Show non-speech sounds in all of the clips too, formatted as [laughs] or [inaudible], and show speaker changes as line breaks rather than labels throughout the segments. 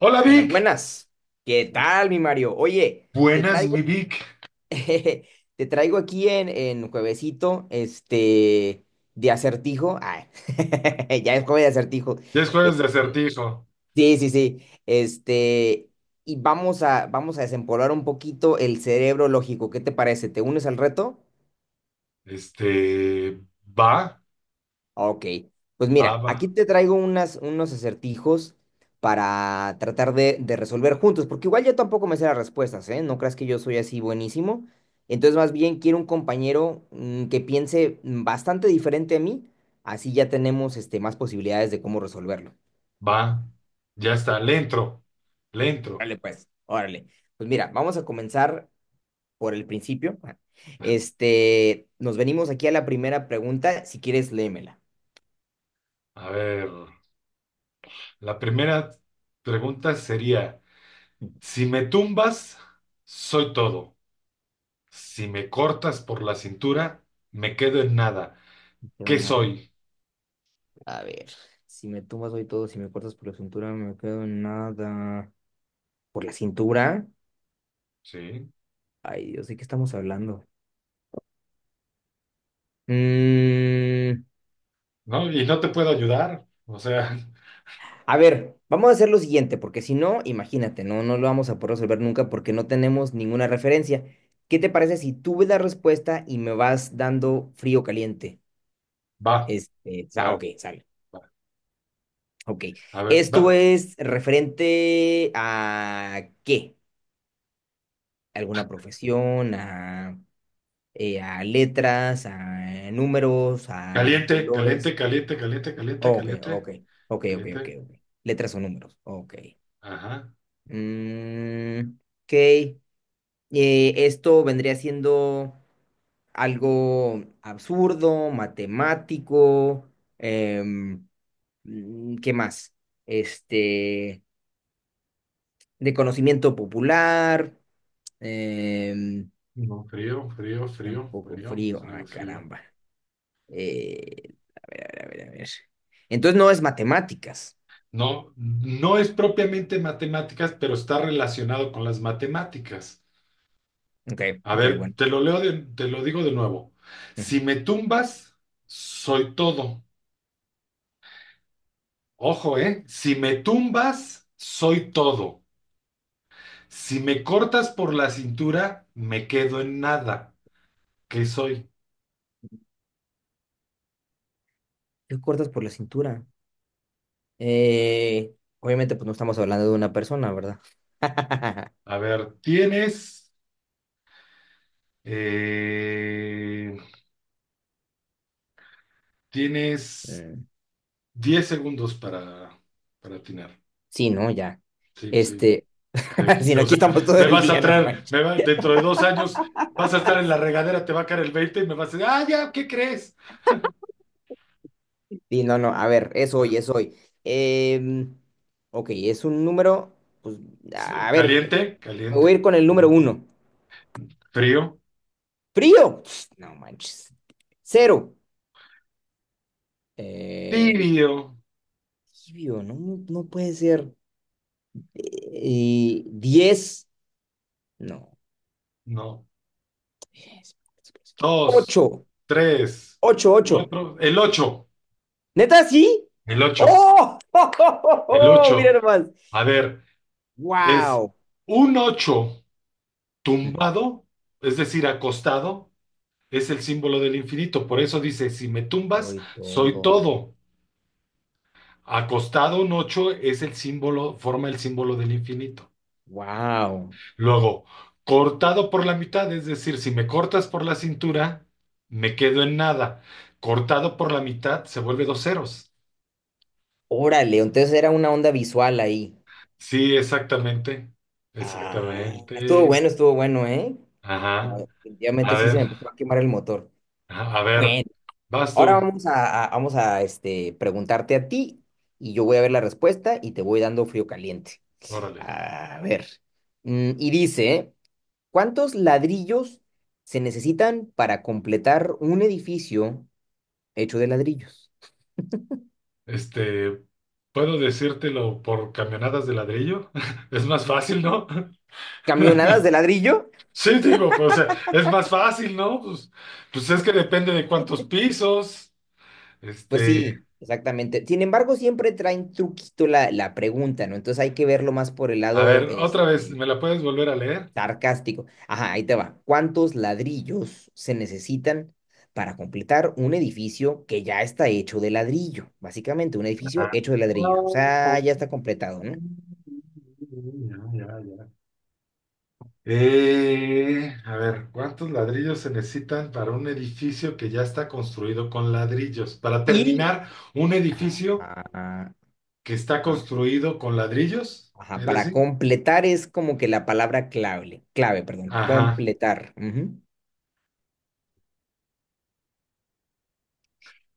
Hola
Buenas,
Vic,
buenas. ¿Qué tal, mi Mario? Oye, te
buenas mi
traigo,
Vic,
[laughs] te traigo aquí en juevesito, de acertijo. Ay, [laughs] ya es jueves de acertijo.
ya es
Este,
jueves de acertijo,
sí, sí, sí. Y vamos a desempolvar un poquito el cerebro lógico. ¿Qué te parece? ¿Te unes al reto?
este, va,
Ok, pues
va,
mira,
va,
aquí te traigo unos acertijos para tratar de resolver juntos, porque igual yo tampoco me sé las respuestas, ¿eh? No creas que yo soy así buenísimo. Entonces, más bien quiero un compañero que piense bastante diferente a mí, así ya tenemos más posibilidades de cómo resolverlo.
va, ya está, le entro,
Órale. Pues mira, vamos a comenzar por el principio. [laughs] Nos venimos aquí a la primera pregunta, si quieres, léemela.
a ver, la primera pregunta sería,
[laughs]
si me tumbas, soy todo, si me cortas por la cintura, me quedo en nada,
No queda
¿qué
nada.
soy?
A ver, si me tumbas hoy todo, si me cortas por la cintura, no me quedo en nada. ¿Por la cintura?
Sí,
Ay, Dios, ¿de qué estamos hablando? Mm,
¿no? Y no te puedo ayudar, o sea,
a ver, vamos a hacer lo siguiente, porque si no, imagínate, no lo vamos a poder resolver nunca porque no tenemos ninguna referencia. ¿Qué te parece si tú ves la respuesta y me vas dando frío o caliente?
[laughs] va, va,
Ok, sale.
va,
Ok.
a ver,
¿Esto
va,
es referente a qué? ¿Alguna profesión? ¿A...? A letras, a números, a
caliente, caliente,
colores.
caliente, caliente, caliente,
Oh, Ok,
caliente.
ok, ok, ok, ok,
Caliente,
ok. Letras o números. Ok.
ajá.
Mm, ok. Esto vendría siendo algo absurdo, matemático. em, ¿Qué más? Este, de conocimiento popular. em,
No, frío, frío, frío,
Tampoco
frío,
frío.
frío,
Ah,
frío.
caramba. Eh, a ver, a ver, a ver. A ver. Entonces no es matemáticas.
No, no es propiamente matemáticas, pero está relacionado con las matemáticas.
Ok,
A
ok,
ver,
bueno.
te lo leo te lo digo de nuevo. Si
Ujú.
me tumbas, soy todo. Ojo, ¿eh? Si me tumbas, soy todo. Si me cortas por la cintura, me quedo en nada. ¿Qué soy?
¿Qué cortas por la cintura? Eh, Obviamente, pues no estamos hablando de una persona, ¿verdad? [laughs]
A ver, eh, tienes
Mm,
10 segundos para atinar.
sí, no, ya.
Sí, pues sí,
Este,
te
[laughs] si
quito.
no,
O
aquí
sea,
estamos todo
me
el
vas a
día, no
traer,
manches.
dentro de 2 años vas a estar en la regadera, te va a caer el veinte y me vas a decir, ah, ya, ¿qué crees?
Sí, no, no, a ver, es
Ah,
hoy, es hoy. Em, ok, es un número, pues,
sí,
a ver,
caliente,
me voy a
caliente,
ir con el número
caliente.
uno.
Frío,
Frío. No manches. Cero. Eh,
tibio.
tibio, no, no no puede ser. Y diez. No.
No. Dos,
Ocho.
tres,
Ocho, ocho.
cuatro, el ocho,
¿Neta sí?
el ocho,
¡Oh! [laughs] ¡Oh, oh, oh,
el
oh! Mira
ocho.
nomás.
A ver, es
¡Wow!
un ocho tumbado, es decir, acostado es el símbolo del infinito. Por eso dice, si me tumbas,
Soy
soy
todo.
todo. Acostado un 8 es el símbolo, forma el símbolo del infinito.
¡Wow!
Luego, cortado por la mitad, es decir, si me cortas por la cintura, me quedo en nada. Cortado por la mitad se vuelve dos ceros.
Órale, entonces era una onda visual ahí.
Sí, exactamente.
Ah,
Exactamente.
estuvo bueno, ¿eh? No,
Ajá. A
definitivamente sí se
ver,
me empezó a quemar el motor.
ajá, a ver,
Bueno.
vas
Ahora
tú.
vamos a preguntarte a ti y yo voy a ver la respuesta y te voy dando frío caliente.
Órale.
A ver. Y dice, ¿cuántos ladrillos se necesitan para completar un edificio hecho de ladrillos?
Este, Puedo decírtelo por camionadas de ladrillo. [laughs] Es más fácil, ¿no? [laughs]
¿Camionadas de ladrillo?
Sí, digo, pues, o sea, es más fácil, ¿no? Pues es que depende de cuántos pisos.
Pues
Este,
sí, exactamente. Sin embargo, siempre traen truquito la pregunta, ¿no? Entonces hay que verlo más por el
a
lado
ver, otra vez, ¿me la puedes volver a leer?
sarcástico. Ajá, ahí te va. ¿Cuántos ladrillos se necesitan para completar un edificio que ya está hecho de ladrillo? Básicamente, un edificio
Ah,
hecho de ladrillos. O sea, ya está completado, ¿no?
ya, ya, ya. A ver, ¿cuántos ladrillos se necesitan para un edificio que ya está construido con ladrillos? Para
Y...
terminar un
Ajá,
edificio
ajá,
que está
ajá,
construido con ladrillos,
ajá,
¿era
para
así?
completar es como que la palabra clave, clave, perdón,
Ajá,
completar. Ujú.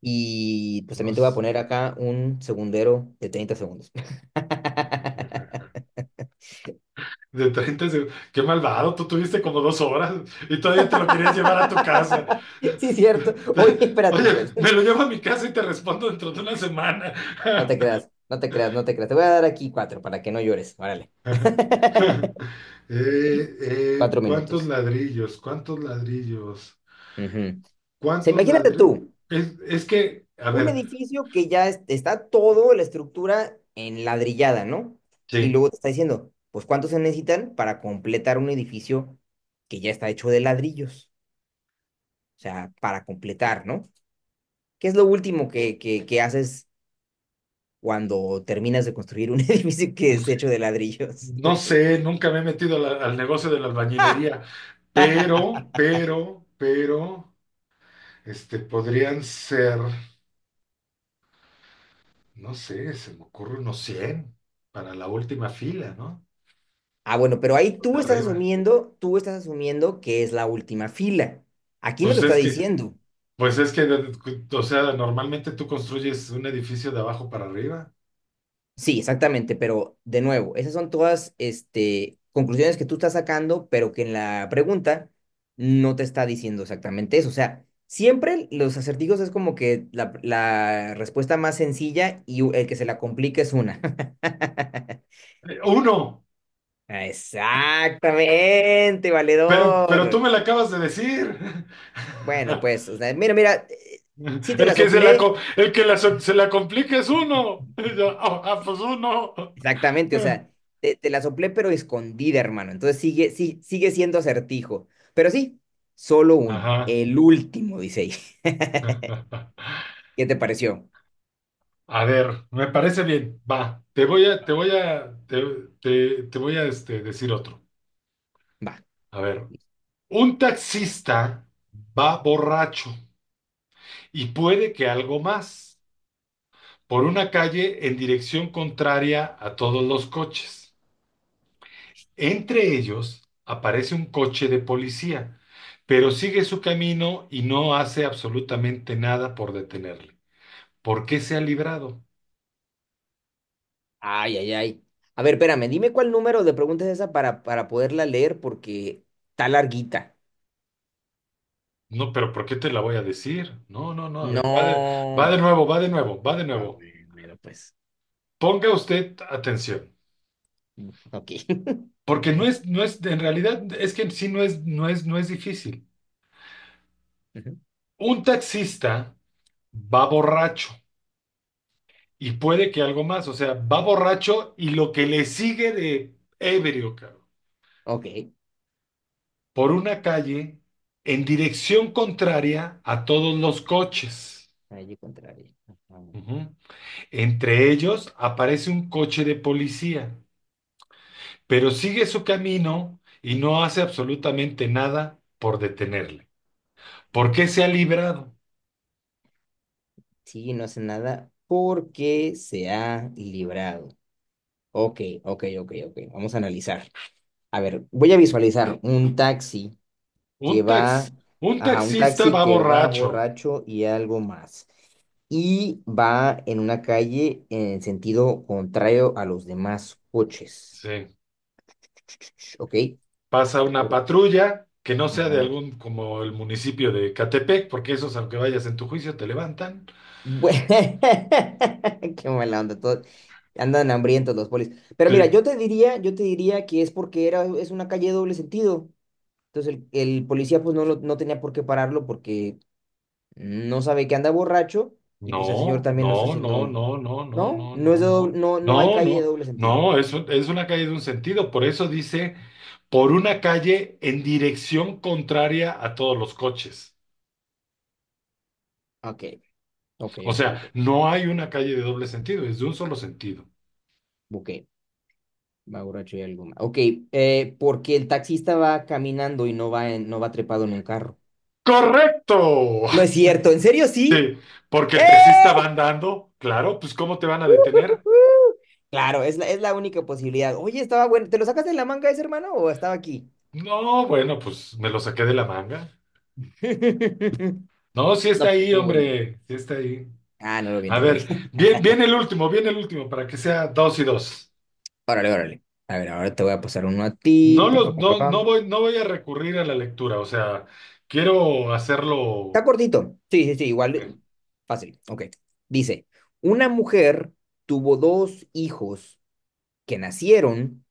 Y pues
no
también te voy a
sé.
poner acá un segundero de 30 segundos.
Ajá.
[laughs]
De 30 segundos. Qué malvado, tú tuviste como 2 horas y todavía te lo querías llevar a tu casa.
Sí, cierto. Oye,
[laughs]
espérate,
Oye,
pues.
me lo llevo a mi casa y te respondo dentro de una semana.
No te creas, no te creas, no te creas. Te voy a dar aquí cuatro para que no llores. Órale.
[laughs]
[laughs] Cuatro
¿Cuántos
minutos.
ladrillos? ¿Cuántos ladrillos?
Ujú. O sea,
¿Cuántos
imagínate
ladrillos?
tú,
Es que, a
un
ver,
edificio que ya está todo la estructura en ladrillada, ¿no? Y
sí.
luego te está diciendo, pues ¿cuántos se necesitan para completar un edificio que ya está hecho de ladrillos? O sea, para completar, ¿no? ¿Qué es lo último que haces cuando terminas de construir un [laughs] edificio que es hecho de ladrillos?
No sé, nunca me he metido al negocio de la albañilería,
[laughs]
pero, podrían ser, no sé, se me ocurre unos 100 para la última fila, ¿no?
Ah, bueno, pero ahí
Los
tú
de
estás
arriba.
asumiendo, que es la última fila. Aquí no te
Pues
está
es que,
diciendo.
pues es que, o sea, normalmente tú construyes un edificio de abajo para arriba.
Sí, exactamente, pero de nuevo, esas son todas, conclusiones que tú estás sacando, pero que en la pregunta no te está diciendo exactamente eso. O sea, siempre los acertijos es como que la respuesta más sencilla y el que se la complica es una.
Uno,
[laughs] Exactamente,
pero tú
valedor.
me lo acabas de decir.
Bueno, pues,
[laughs]
o sea, mira, mira, sí te
El
la
que
soplé,
se la complica es uno. [laughs] Y yo,
[laughs]
pues uno.
exactamente, o sea, te la soplé pero escondida, hermano. Entonces sigue, sí, sigue siendo acertijo. Pero sí, solo uno,
Ajá.
el último, dice ahí. [laughs] ¿Qué te pareció?
A ver, me parece bien. Va, te voy a decir otro.
Va.
A ver, un taxista va borracho y puede que algo más por una calle en dirección contraria a todos los coches. Entre ellos aparece un coche de policía, pero sigue su camino y no hace absolutamente nada por detenerle. ¿Por qué se ha librado?
Ay, ay, ay. A ver, espérame, dime cuál número de preguntas es esa para poderla leer porque está larguita.
No, pero ¿por qué te la voy a decir? No, no, no, a ver, va de
No.
nuevo, va de nuevo, va de
Ah,
nuevo.
bueno, mira, pues.
Ponga usted atención,
Ok. [laughs]
porque no es, en realidad es que en sí no es difícil.
Ujú.
Un taxista va borracho y puede que algo más, o sea, va borracho y lo que le sigue de ebrio, cabrón,
Ok.
por una calle en dirección contraria a todos los coches.
Allí contrario. Ajá.
Ujú. Entre ellos aparece un coche de policía, pero sigue su camino y no hace absolutamente nada por detenerle.
Y
¿Por
no
qué
sé.
se ha librado?
Sí, no hace nada porque se ha librado. Ok, ok, ok, ok. Vamos a analizar. A ver, voy a visualizar un taxi
Un
que
tax,
va,
un
ajá, un
taxista
taxi
va
que va
borracho.
borracho y algo más. Y va en una calle en sentido contrario a los demás coches.
Sí.
[tsk] Ok.
Pasa una patrulla que no sea de
Ajá.
algún, como el municipio de Catepec, porque esos, aunque vayas en tu juicio, te levantan.
Bue- [laughs] Qué mala onda, todo andan hambrientos los polis. Pero mira,
Sí.
yo te diría que es porque es una calle de doble sentido. Entonces el policía pues no, no tenía por qué pararlo porque no sabe que anda borracho y pues el señor
No,
también lo está
no, no,
haciendo.
no, no, no,
No,
no,
no es
no,
de doble-
no.
no, no hay
No,
calle de
no,
doble sentido.
no, es una calle de un sentido. Por eso dice, por una calle en dirección contraria a todos los coches.
Ok, ok,
O
ok, ok.
sea, no hay una calle de doble sentido, es de un solo sentido.
Ok, va borracho y algo más. Ok, porque el taxista va caminando y no va no va trepado en un carro.
¡Correcto!
No
[laughs]
es cierto, ¿en serio
Sí,
sí?
porque
¡Eh!
el taxista va andando, claro, pues ¿cómo te van a detener?
Claro, es la única posibilidad. Oye, estaba bueno. ¿Te lo sacaste de la manga ese hermano o estaba aquí?
No, bueno, pues me lo saqué de la manga.
[laughs]
No, sí
No,
está
pero
ahí,
estuvo bueno.
hombre, sí está ahí.
Ah, no lo vi,
A
no lo
ver,
vi. [laughs]
bien, bien el último, para que sea dos y dos.
Órale, órale. A ver, ahora te voy a pasar uno a ti.
No
Pa, pa,
los,
pa, pa,
no, no
pam.
voy, no voy a recurrir a la lectura, o sea, quiero
Está
hacerlo.
cortito. Sí, sí, sí, igual.
eh,
Fácil. Ok. Dice, una mujer tuvo dos hijos que nacieron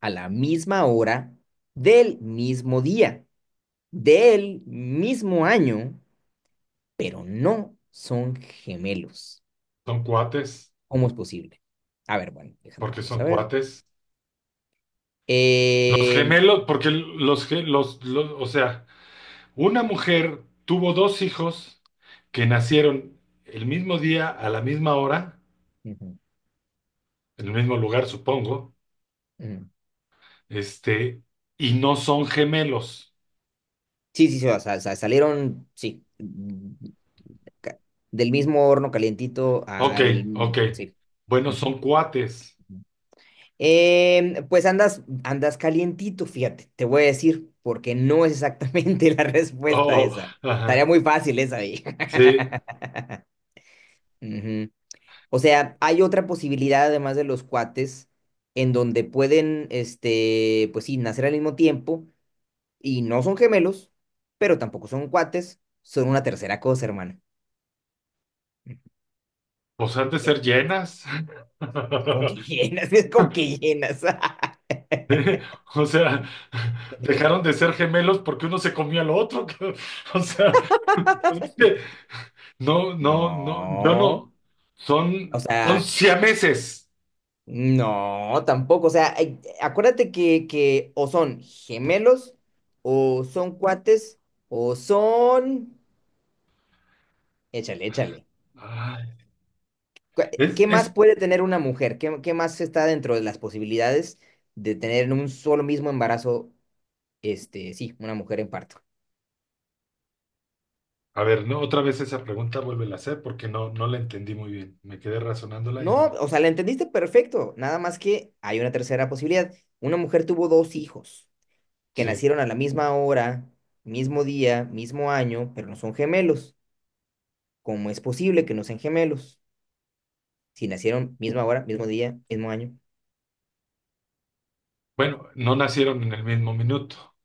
a la misma hora, del mismo día, del mismo año, pero no son gemelos.
Son cuates,
¿Cómo es posible? A ver, bueno, déjame,
porque
vamos
son
a ver.
cuates. Los
Eh,
gemelos, porque los, o sea. Una mujer tuvo dos hijos que nacieron el mismo día, a la misma hora,
ujú,
en el mismo lugar, supongo,
ujú.
este, y no son gemelos.
Sí, sí, sí, o sea, salieron, sí, mm, ca- del mismo horno calientito
Ok,
al...
ok.
Sí.
Bueno,
Ujú.
son cuates.
Ujú. Pues andas calientito, fíjate, te voy a decir, porque no es exactamente [laughs] la respuesta
Oh,
esa. Estaría
ajá.
muy fácil esa ahí.
Sí.
[laughs] Ujú. O sea, hay otra posibilidad además de los cuates en donde pueden, pues sí, nacer al mismo tiempo y no son gemelos, pero tampoco son cuates, son una tercera cosa, hermano. Mm,
Pues han de ser
Piénsale, piénsale.
llenas.
[laughs] Como que
[laughs]
llenas, [laughs] es como que llenas. [laughs]
¿Eh? O sea, dejaron de ser gemelos porque uno se comió al otro. [laughs] O sea, pues es que no, no, no, yo
No,
no.
o
Son
sea,
siameses.
no, tampoco. O sea, ay, acuérdate que o son gemelos, o son cuates, o son... Échale, échale.
Ay,
cu-
es,
¿Qué más
es,
puede tener una mujer? ¿Qué más está dentro de las posibilidades de tener en un solo mismo embarazo, sí, una mujer en parto?
a ver, no, otra vez esa pregunta vuelve a hacer porque no la entendí muy bien. Me quedé razonándola y
No,
no.
o sea, la entendiste perfecto. Nada más que hay una tercera posibilidad. Una mujer tuvo dos hijos que
Sí.
nacieron a la misma hora, mismo día, mismo año, pero no son gemelos. ¿Cómo es posible que no sean gemelos? Si nacieron misma hora, mismo día, mismo año.
Bueno, no nacieron en el mismo minuto.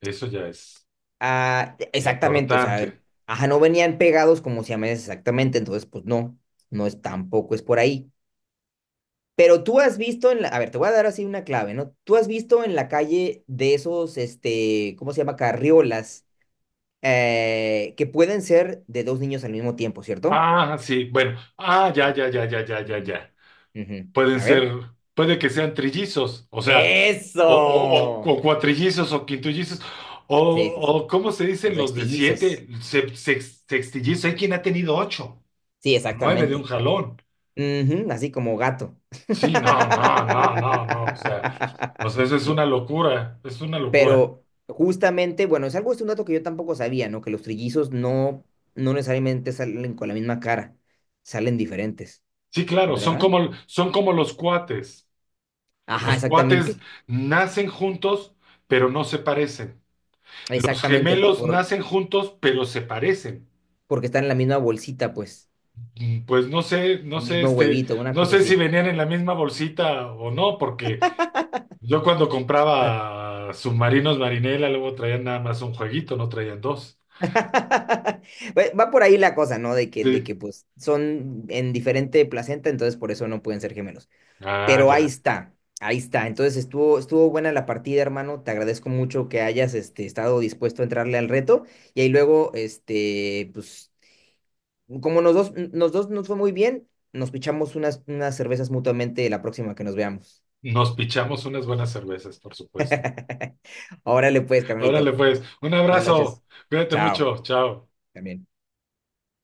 Eso ya es
Ah, e, exactamente, o sea,
importante.
ajá, no venían pegados como siameses exactamente, entonces pues no, no es tampoco es por ahí. Pero tú has visto a ver, te voy a dar así una clave, ¿no? Tú has visto en la calle de esos, ¿cómo se llama? Carriolas, que pueden ser de dos niños al mismo tiempo, ¿cierto?
Ah, sí, bueno. Ah, ya, ya, ya, ya, ya, ya,
Ujú.
ya.
Ujú.
pueden
A
ser,
ver.
Puede que sean trillizos, o sea, o, o, o-
¡Eso!
o cuatrillizos o quintillizos.
Sí, sí, sí.
O ¿Cómo se
O
dicen
sea,
los de
estillizos.
siete? Sextillizos, hay quien ha tenido ocho,
Sí,
nueve de un
exactamente.
jalón.
Ujú, así como gato.
Sí, no, no, no, no, no, o sea, eso
[laughs]
es una locura, es una locura.
Pero justamente, bueno, es algo, es un dato que yo tampoco sabía, ¿no? Que los trillizos no, no necesariamente salen con la misma cara, salen diferentes,
Sí, claro, son
¿verdad?
como, son como los cuates.
Ajá,
Los cuates
exactamente,
nacen juntos, pero no se parecen. Los
exactamente,
gemelos
por,
nacen juntos, pero se parecen.
porque están en la misma bolsita, pues,
Pues no sé, no
o
sé,
mismo
este,
huevito, una
no
cosa
sé si
así.
venían en la misma bolsita o no, porque yo cuando compraba submarinos Marinela, luego traían nada más un jueguito, no traían dos.
[laughs] Pues, va por ahí la cosa, ¿no? De que, de
Sí.
que pues son en diferente placenta, entonces por eso no pueden ser gemelos.
Ah,
Pero ahí
ya.
está, ahí está. Entonces estuvo buena la partida, hermano. Te agradezco mucho que hayas estado dispuesto a entrarle al reto. Y ahí luego, pues, como nos dos nos fue muy bien, nos pichamos unas cervezas mutuamente la próxima que nos veamos.
Nos pichamos unas buenas cervezas, por supuesto.
[laughs] Órale pues,
Órale,
carnalito.
pues, un
Buenas
abrazo.
noches.
Cuídate
Chao.
mucho. Chao.
También.